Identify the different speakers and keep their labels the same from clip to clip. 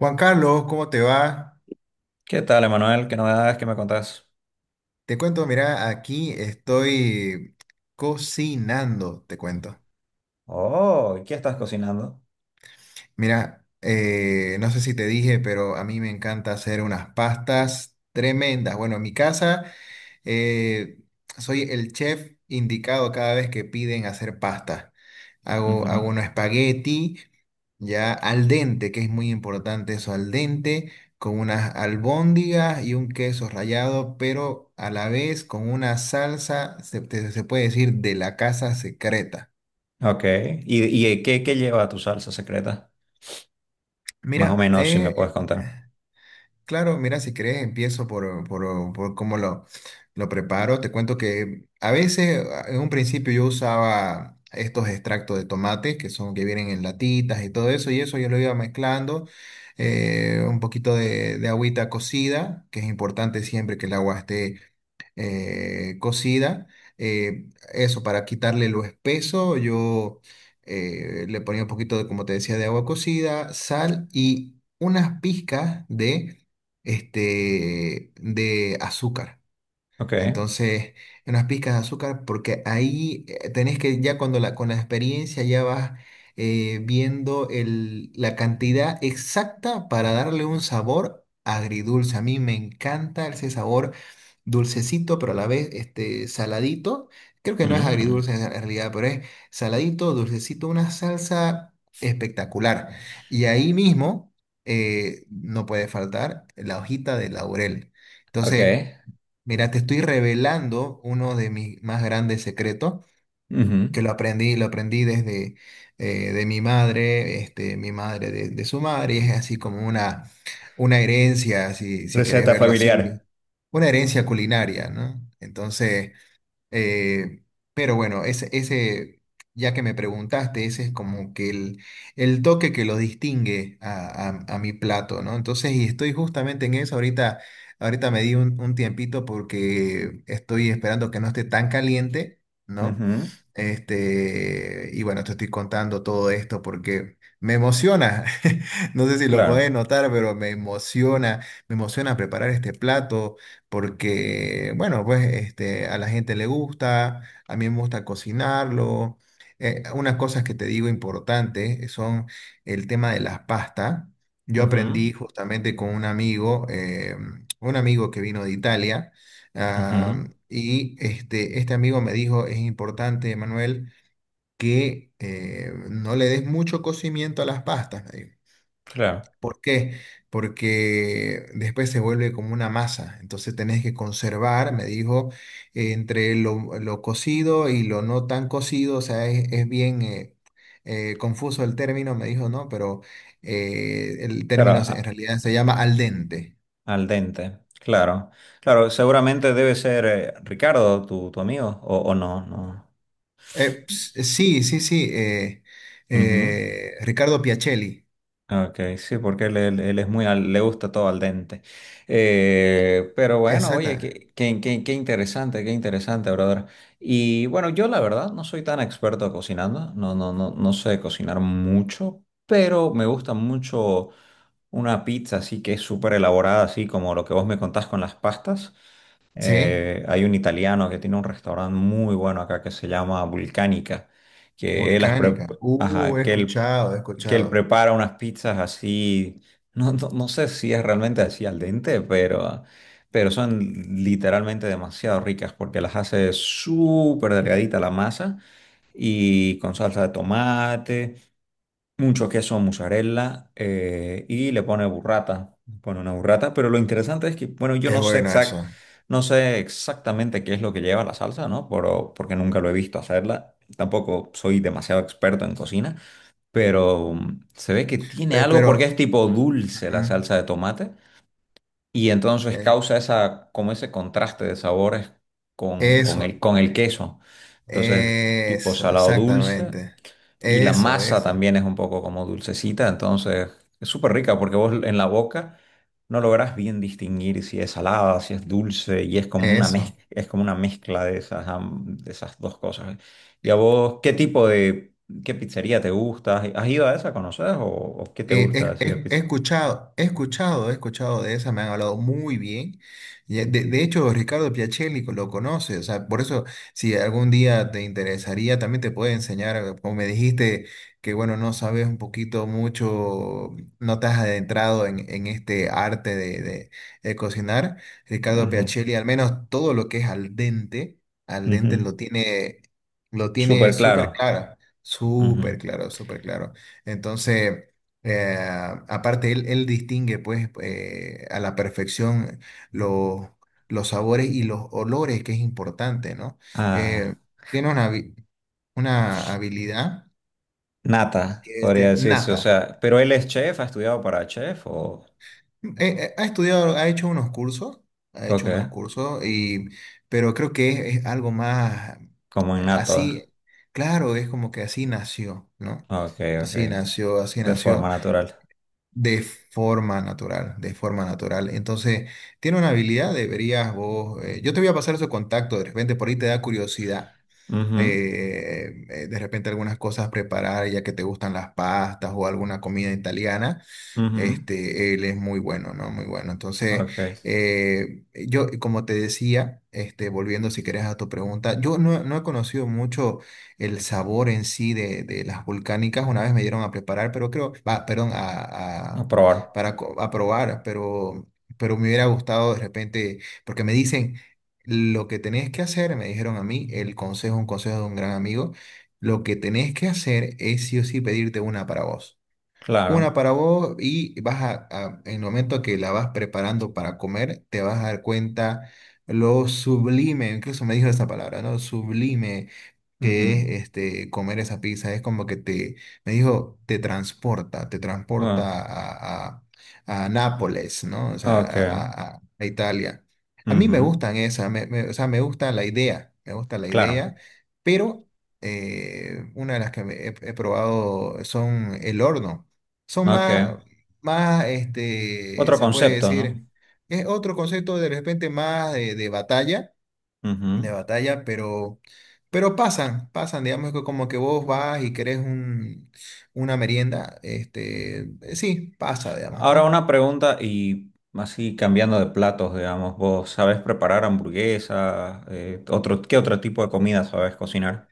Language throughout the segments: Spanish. Speaker 1: Juan Carlos, ¿cómo te va?
Speaker 2: ¿Qué tal, Emanuel? ¿Qué novedades que me contás?
Speaker 1: Te cuento, mira, aquí estoy cocinando, te cuento.
Speaker 2: Oh, ¿qué estás cocinando?
Speaker 1: Mira, no sé si te dije, pero a mí me encanta hacer unas pastas tremendas. Bueno, en mi casa eh, soy el chef indicado cada vez que piden hacer pasta. Hago
Speaker 2: Ujú.
Speaker 1: un espagueti ya al dente, que es muy importante eso, al dente, con unas albóndigas y un queso rallado, pero a la vez con una salsa, se puede decir, de la casa secreta.
Speaker 2: Ok. ¿Y qué lleva tu salsa secreta? Más o
Speaker 1: Mira,
Speaker 2: menos, si me puedes contar.
Speaker 1: claro, mira, si querés empiezo por cómo lo preparo. Te cuento que a veces, en un principio yo usaba estos extractos de tomate que son que vienen en latitas y todo eso, y eso yo lo iba mezclando, un poquito de agüita cocida, que es importante siempre que el agua esté cocida. Eh, eso, para quitarle lo espeso, yo le ponía un poquito de, como te decía, de agua cocida, sal y unas pizcas de, de azúcar.
Speaker 2: Ok.
Speaker 1: Entonces, unas pizcas de azúcar, porque ahí tenés que ya cuando con la experiencia ya vas viendo la cantidad exacta para darle un sabor agridulce. A mí me encanta ese sabor dulcecito, pero a la vez este, saladito. Creo que no es
Speaker 2: Mm.
Speaker 1: agridulce en realidad, pero es saladito, dulcecito, una salsa espectacular. Y ahí mismo no puede faltar la hojita de laurel.
Speaker 2: Ok.
Speaker 1: Entonces, mira, te estoy revelando uno de mis más grandes secretos,
Speaker 2: Ujú.
Speaker 1: que lo aprendí desde de mi madre, este, mi madre de su madre, y es así como una herencia, si querés
Speaker 2: Receta
Speaker 1: verlo
Speaker 2: familiar.
Speaker 1: así, una herencia culinaria, ¿no? Entonces, eh, pero bueno, ya que me preguntaste, ese es como que el toque que lo distingue a mi plato, ¿no? Entonces, y estoy justamente en eso. Ahorita, ahorita me di un tiempito porque estoy esperando que no esté tan caliente, ¿no?
Speaker 2: Ujú.
Speaker 1: Este, y bueno, te estoy contando todo esto porque me emociona. No sé si lo puedes
Speaker 2: Claro.
Speaker 1: notar, pero me emociona preparar este plato porque, bueno, pues este, a la gente le gusta, a mí me gusta cocinarlo. Unas cosas que te digo importantes son el tema de las pastas. Yo
Speaker 2: Ujú.
Speaker 1: aprendí justamente con un amigo que vino de Italia, ah,
Speaker 2: Ujú.
Speaker 1: y este amigo me dijo, es importante, Manuel, que no le des mucho cocimiento a las pastas.
Speaker 2: Claro.
Speaker 1: ¿Por qué? Porque después se vuelve como una masa. Entonces tenés que conservar, me dijo, entre lo cocido y lo no tan cocido. O sea, es bien confuso el término, me dijo, ¿no? Pero el
Speaker 2: Claro,
Speaker 1: término en
Speaker 2: a-
Speaker 1: realidad se llama al dente.
Speaker 2: al dente. Claro. Claro, seguramente debe ser Ricardo, tu amigo, o no.
Speaker 1: Sí, sí, sí.
Speaker 2: Ujú.
Speaker 1: Ricardo Piacelli.
Speaker 2: Ok, sí, porque él es muy, le gusta todo al dente. Pero bueno, oye,
Speaker 1: Exacta.
Speaker 2: qué interesante, qué interesante, brother. Y bueno, yo la verdad no soy tan experto cocinando, no sé cocinar mucho, pero me gusta mucho una pizza así que es súper elaborada, así como lo que vos me contás con las pastas.
Speaker 1: Sí,
Speaker 2: Hay un italiano que tiene un restaurante muy bueno acá que se llama Vulcánica, que él,
Speaker 1: volcánica.
Speaker 2: ajá,
Speaker 1: He escuchado, he
Speaker 2: que él
Speaker 1: escuchado.
Speaker 2: prepara unas pizzas así, no sé si es realmente así al dente, pero son literalmente demasiado ricas porque las hace súper delgadita la masa y con salsa de tomate, mucho queso mozzarella, y le pone burrata, le pone una burrata, pero lo interesante es que, bueno, yo
Speaker 1: Es
Speaker 2: no sé
Speaker 1: bueno
Speaker 2: exact,
Speaker 1: eso.
Speaker 2: no sé exactamente qué es lo que lleva la salsa, ¿no? Pero, porque nunca lo he visto hacerla, tampoco soy demasiado experto en cocina, pero se ve que tiene
Speaker 1: Eh,
Speaker 2: algo porque
Speaker 1: pero...
Speaker 2: es tipo dulce la
Speaker 1: ujú.
Speaker 2: salsa de tomate, y entonces
Speaker 1: Eh,
Speaker 2: causa esa, como ese contraste de sabores con,
Speaker 1: Eso,
Speaker 2: con el queso. Entonces, tipo
Speaker 1: eso,
Speaker 2: salado dulce.
Speaker 1: exactamente.
Speaker 2: Y la
Speaker 1: Eso,
Speaker 2: masa
Speaker 1: eso,
Speaker 2: también es un poco como dulcecita, entonces es súper rica porque vos en la boca no lográs bien distinguir si es salada, si es dulce, y es como una
Speaker 1: eso.
Speaker 2: es como una mezcla de esas, de esas dos cosas. ¿Y a vos qué tipo de, ¿Qué pizzería te gusta? ¿Has ido a esa, conoces o qué te
Speaker 1: Eh,
Speaker 2: gusta
Speaker 1: he,
Speaker 2: así de
Speaker 1: he
Speaker 2: pizza?
Speaker 1: escuchado, he escuchado, he escuchado de esa, me han hablado muy bien. Y, de hecho, Ricardo Piacelli lo conoce, o sea, por eso, si algún día te interesaría, también te puede enseñar, como me dijiste, que bueno, no sabes un poquito mucho, no te has adentrado en este arte de cocinar. Ricardo Piacelli, al menos todo lo que es al
Speaker 2: Ujú, ujú.
Speaker 1: dente lo tiene
Speaker 2: Súper
Speaker 1: súper
Speaker 2: claro.
Speaker 1: claro, súper
Speaker 2: Ujú.
Speaker 1: claro, súper claro. Entonces... Eh, aparte, él distingue pues a la perfección los, los sabores y los olores, que es importante, ¿no?
Speaker 2: Ah,
Speaker 1: Eh, tiene una, una habilidad
Speaker 2: nata,
Speaker 1: que es
Speaker 2: podría
Speaker 1: de
Speaker 2: decirse, o
Speaker 1: nata.
Speaker 2: sea, pero él es chef, ¿ha estudiado para chef o...?
Speaker 1: Ha estudiado, ha hecho unos cursos, ha
Speaker 2: Ok,
Speaker 1: hecho unos cursos, y, pero creo que es algo más
Speaker 2: como innato.
Speaker 1: así, claro, es como que así nació, ¿no?
Speaker 2: Ok, ok.
Speaker 1: Así nació, así
Speaker 2: De
Speaker 1: nació.
Speaker 2: forma natural.
Speaker 1: De forma natural, de forma natural. Entonces, tiene una habilidad, deberías vos. Yo te voy a pasar su contacto, de repente por ahí te da curiosidad.
Speaker 2: Ujú,
Speaker 1: De repente algunas cosas preparar, ya que te gustan las pastas o alguna comida italiana.
Speaker 2: ujú.
Speaker 1: Este, él es muy bueno, ¿no? Muy bueno. Entonces,
Speaker 2: Ok.
Speaker 1: yo, como te decía, este, volviendo si querés a tu pregunta, yo no he conocido mucho el sabor en sí de las volcánicas. Una vez me dieron a preparar, pero creo, va, perdón,
Speaker 2: A probar.
Speaker 1: para a probar, pero me hubiera gustado de repente, porque me dicen, lo que tenés que hacer, me dijeron a mí, el consejo, un consejo de un gran amigo, lo que tenés que hacer es sí o sí pedirte una para vos. Una
Speaker 2: Claro.
Speaker 1: para vos y vas en el momento que la vas preparando para comer, te vas a dar cuenta lo sublime, incluso me dijo esa palabra, ¿no? Sublime
Speaker 2: Ujú.
Speaker 1: que es este, comer esa pizza, es como que te, me dijo, te
Speaker 2: Bueno.
Speaker 1: transporta a Nápoles, ¿no? O sea,
Speaker 2: Ok.
Speaker 1: a Italia. A mí me
Speaker 2: Ujú.
Speaker 1: gustan esas, o sea, me gusta la idea, me gusta la
Speaker 2: Claro.
Speaker 1: idea, pero una de las que me he probado son el horno. Son
Speaker 2: Ok.
Speaker 1: más, más, este,
Speaker 2: Otro
Speaker 1: se puede
Speaker 2: concepto, ¿no?
Speaker 1: decir, es otro concepto de repente más de batalla de
Speaker 2: Ujú.
Speaker 1: batalla, pero pasan, pasan, digamos que como que vos vas y querés un, una merienda, este, sí, pasa, digamos,
Speaker 2: Ahora
Speaker 1: ¿no?
Speaker 2: una pregunta y así cambiando de platos, digamos, ¿vos sabés preparar hamburguesas? Otro, ¿qué otro tipo de comida sabés cocinar?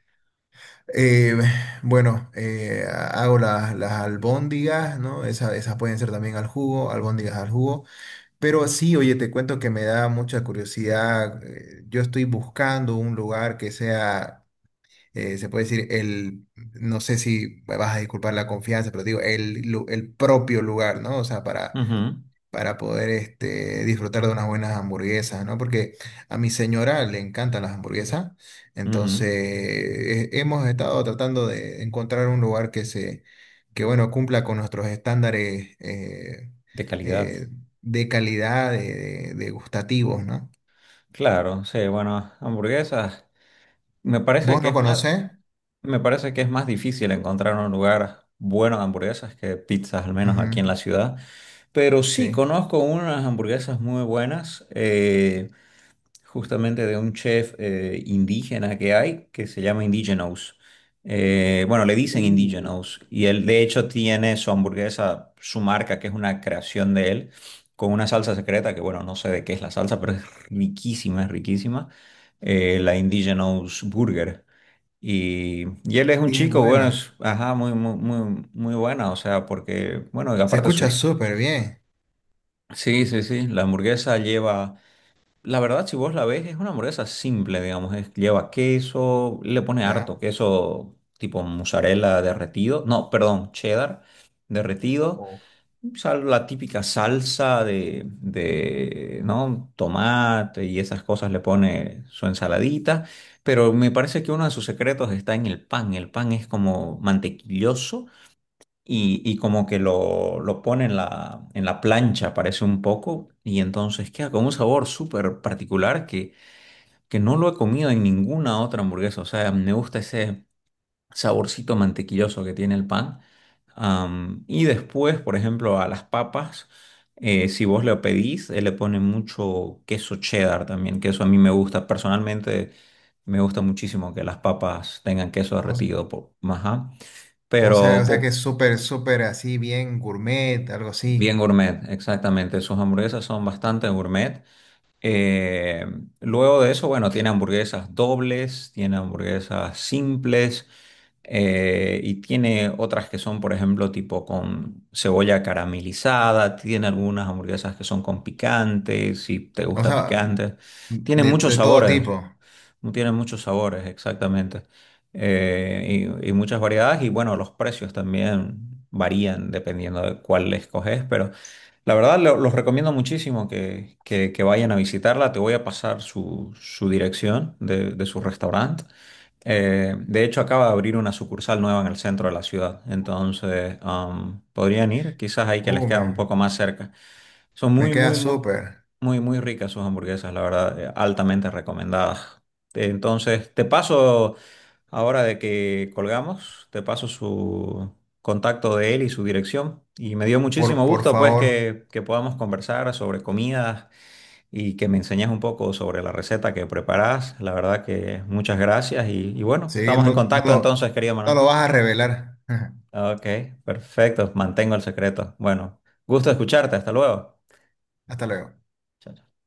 Speaker 1: Eh, bueno, hago las albóndigas, ¿no? Esas, esas pueden ser también al jugo, albóndigas al jugo, pero sí, oye, te cuento que me da mucha curiosidad, yo estoy buscando un lugar que sea... Se puede decir no sé si me vas a disculpar la confianza, pero digo, el propio lugar, ¿no? O sea,
Speaker 2: Ujú,
Speaker 1: para poder este, disfrutar de unas buenas hamburguesas, ¿no? Porque a mi señora le encantan las hamburguesas,
Speaker 2: ujú.
Speaker 1: entonces hemos estado tratando de encontrar un lugar que se, que bueno, cumpla con nuestros estándares
Speaker 2: De calidad.
Speaker 1: eh, de calidad, de, de gustativos, ¿no?
Speaker 2: Claro, sí, bueno, hamburguesas. Me parece
Speaker 1: ¿Vos
Speaker 2: que
Speaker 1: no
Speaker 2: es más.
Speaker 1: conocés?
Speaker 2: Me parece que es más difícil encontrar un lugar bueno de hamburguesas que pizzas, al menos aquí
Speaker 1: Ujú,
Speaker 2: en la ciudad. Pero sí
Speaker 1: sí.
Speaker 2: conozco unas hamburguesas muy buenas, justamente de un chef indígena que hay, que se llama Indigenous. Bueno, le dicen Indigenous. Y él, de hecho, tiene su hamburguesa, su marca, que es una creación de él, con una salsa secreta, que bueno, no sé de qué es la salsa, pero es riquísima, es riquísima. La Indigenous Burger. Y él es un
Speaker 1: Y es
Speaker 2: chico, bueno,
Speaker 1: buena.
Speaker 2: es, ajá, muy, muy, muy, muy buena, o sea, porque, bueno, y
Speaker 1: Se
Speaker 2: aparte su...
Speaker 1: escucha
Speaker 2: hist-
Speaker 1: súper bien,
Speaker 2: Sí, sí, sí, la verdad, si vos la ves, es una hamburguesa simple, digamos, lleva queso, le pone harto
Speaker 1: ¿ya?
Speaker 2: queso tipo mozzarella derretido, no, perdón, cheddar derretido,
Speaker 1: O,
Speaker 2: la típica salsa de, ¿no? tomate y esas cosas, le pone su ensaladita, pero me parece que uno de sus secretos está en el pan. El pan es como mantequilloso y como que lo pone en la plancha, parece un poco, y entonces queda con un sabor súper particular que no lo he comido en ninguna otra hamburguesa. O sea, me gusta ese saborcito mantequilloso que tiene el pan. Am, y después, por ejemplo, a las papas, si vos le pedís, él le pone mucho queso cheddar también, que eso a mí me gusta. Personalmente, me gusta muchísimo que las papas tengan queso
Speaker 1: o,
Speaker 2: derretido. Ajá. Pero
Speaker 1: o sea que
Speaker 2: po-
Speaker 1: es súper, súper así, bien gourmet, algo
Speaker 2: bien
Speaker 1: así.
Speaker 2: gourmet, exactamente. Sus hamburguesas son bastante gourmet. Eh, Luego de eso, bueno, tiene hamburguesas dobles, tiene hamburguesas simples, y tiene otras que son, por ejemplo, tipo con cebolla caramelizada, tiene algunas hamburguesas que son con picante, si te
Speaker 1: O
Speaker 2: gusta
Speaker 1: sea,
Speaker 2: picante. Tiene muchos
Speaker 1: de todo
Speaker 2: sabores.
Speaker 1: tipo.
Speaker 2: No tiene muchos sabores, exactamente. Y muchas variedades y bueno, los precios también varían dependiendo de cuál le escoges, pero la verdad los recomiendo muchísimo que, que vayan a visitarla. Te voy a pasar su, su dirección de su restaurante. De hecho, acaba de abrir una sucursal nueva en el centro de la ciudad, entonces am, podrían ir, quizás ahí que les
Speaker 1: Uh,
Speaker 2: queda un
Speaker 1: me,
Speaker 2: poco más cerca. Son
Speaker 1: Me
Speaker 2: muy,
Speaker 1: queda
Speaker 2: muy, muy,
Speaker 1: súper.
Speaker 2: muy, muy ricas sus hamburguesas, la verdad, altamente recomendadas. Entonces, te paso, ahora de que colgamos, te paso su contacto de él y su dirección. Y me dio muchísimo
Speaker 1: Por
Speaker 2: gusto, pues,
Speaker 1: favor.
Speaker 2: que podamos conversar sobre comidas y que me enseñes un poco sobre la receta que preparás. La verdad que muchas gracias y bueno,
Speaker 1: Sí,
Speaker 2: estamos en
Speaker 1: no
Speaker 2: contacto
Speaker 1: lo,
Speaker 2: entonces, querido
Speaker 1: no
Speaker 2: Manuel.
Speaker 1: lo vas a revelar.
Speaker 2: Ok, perfecto, mantengo el secreto. Bueno, gusto escucharte, hasta luego.
Speaker 1: Hasta luego.
Speaker 2: Chao, chao.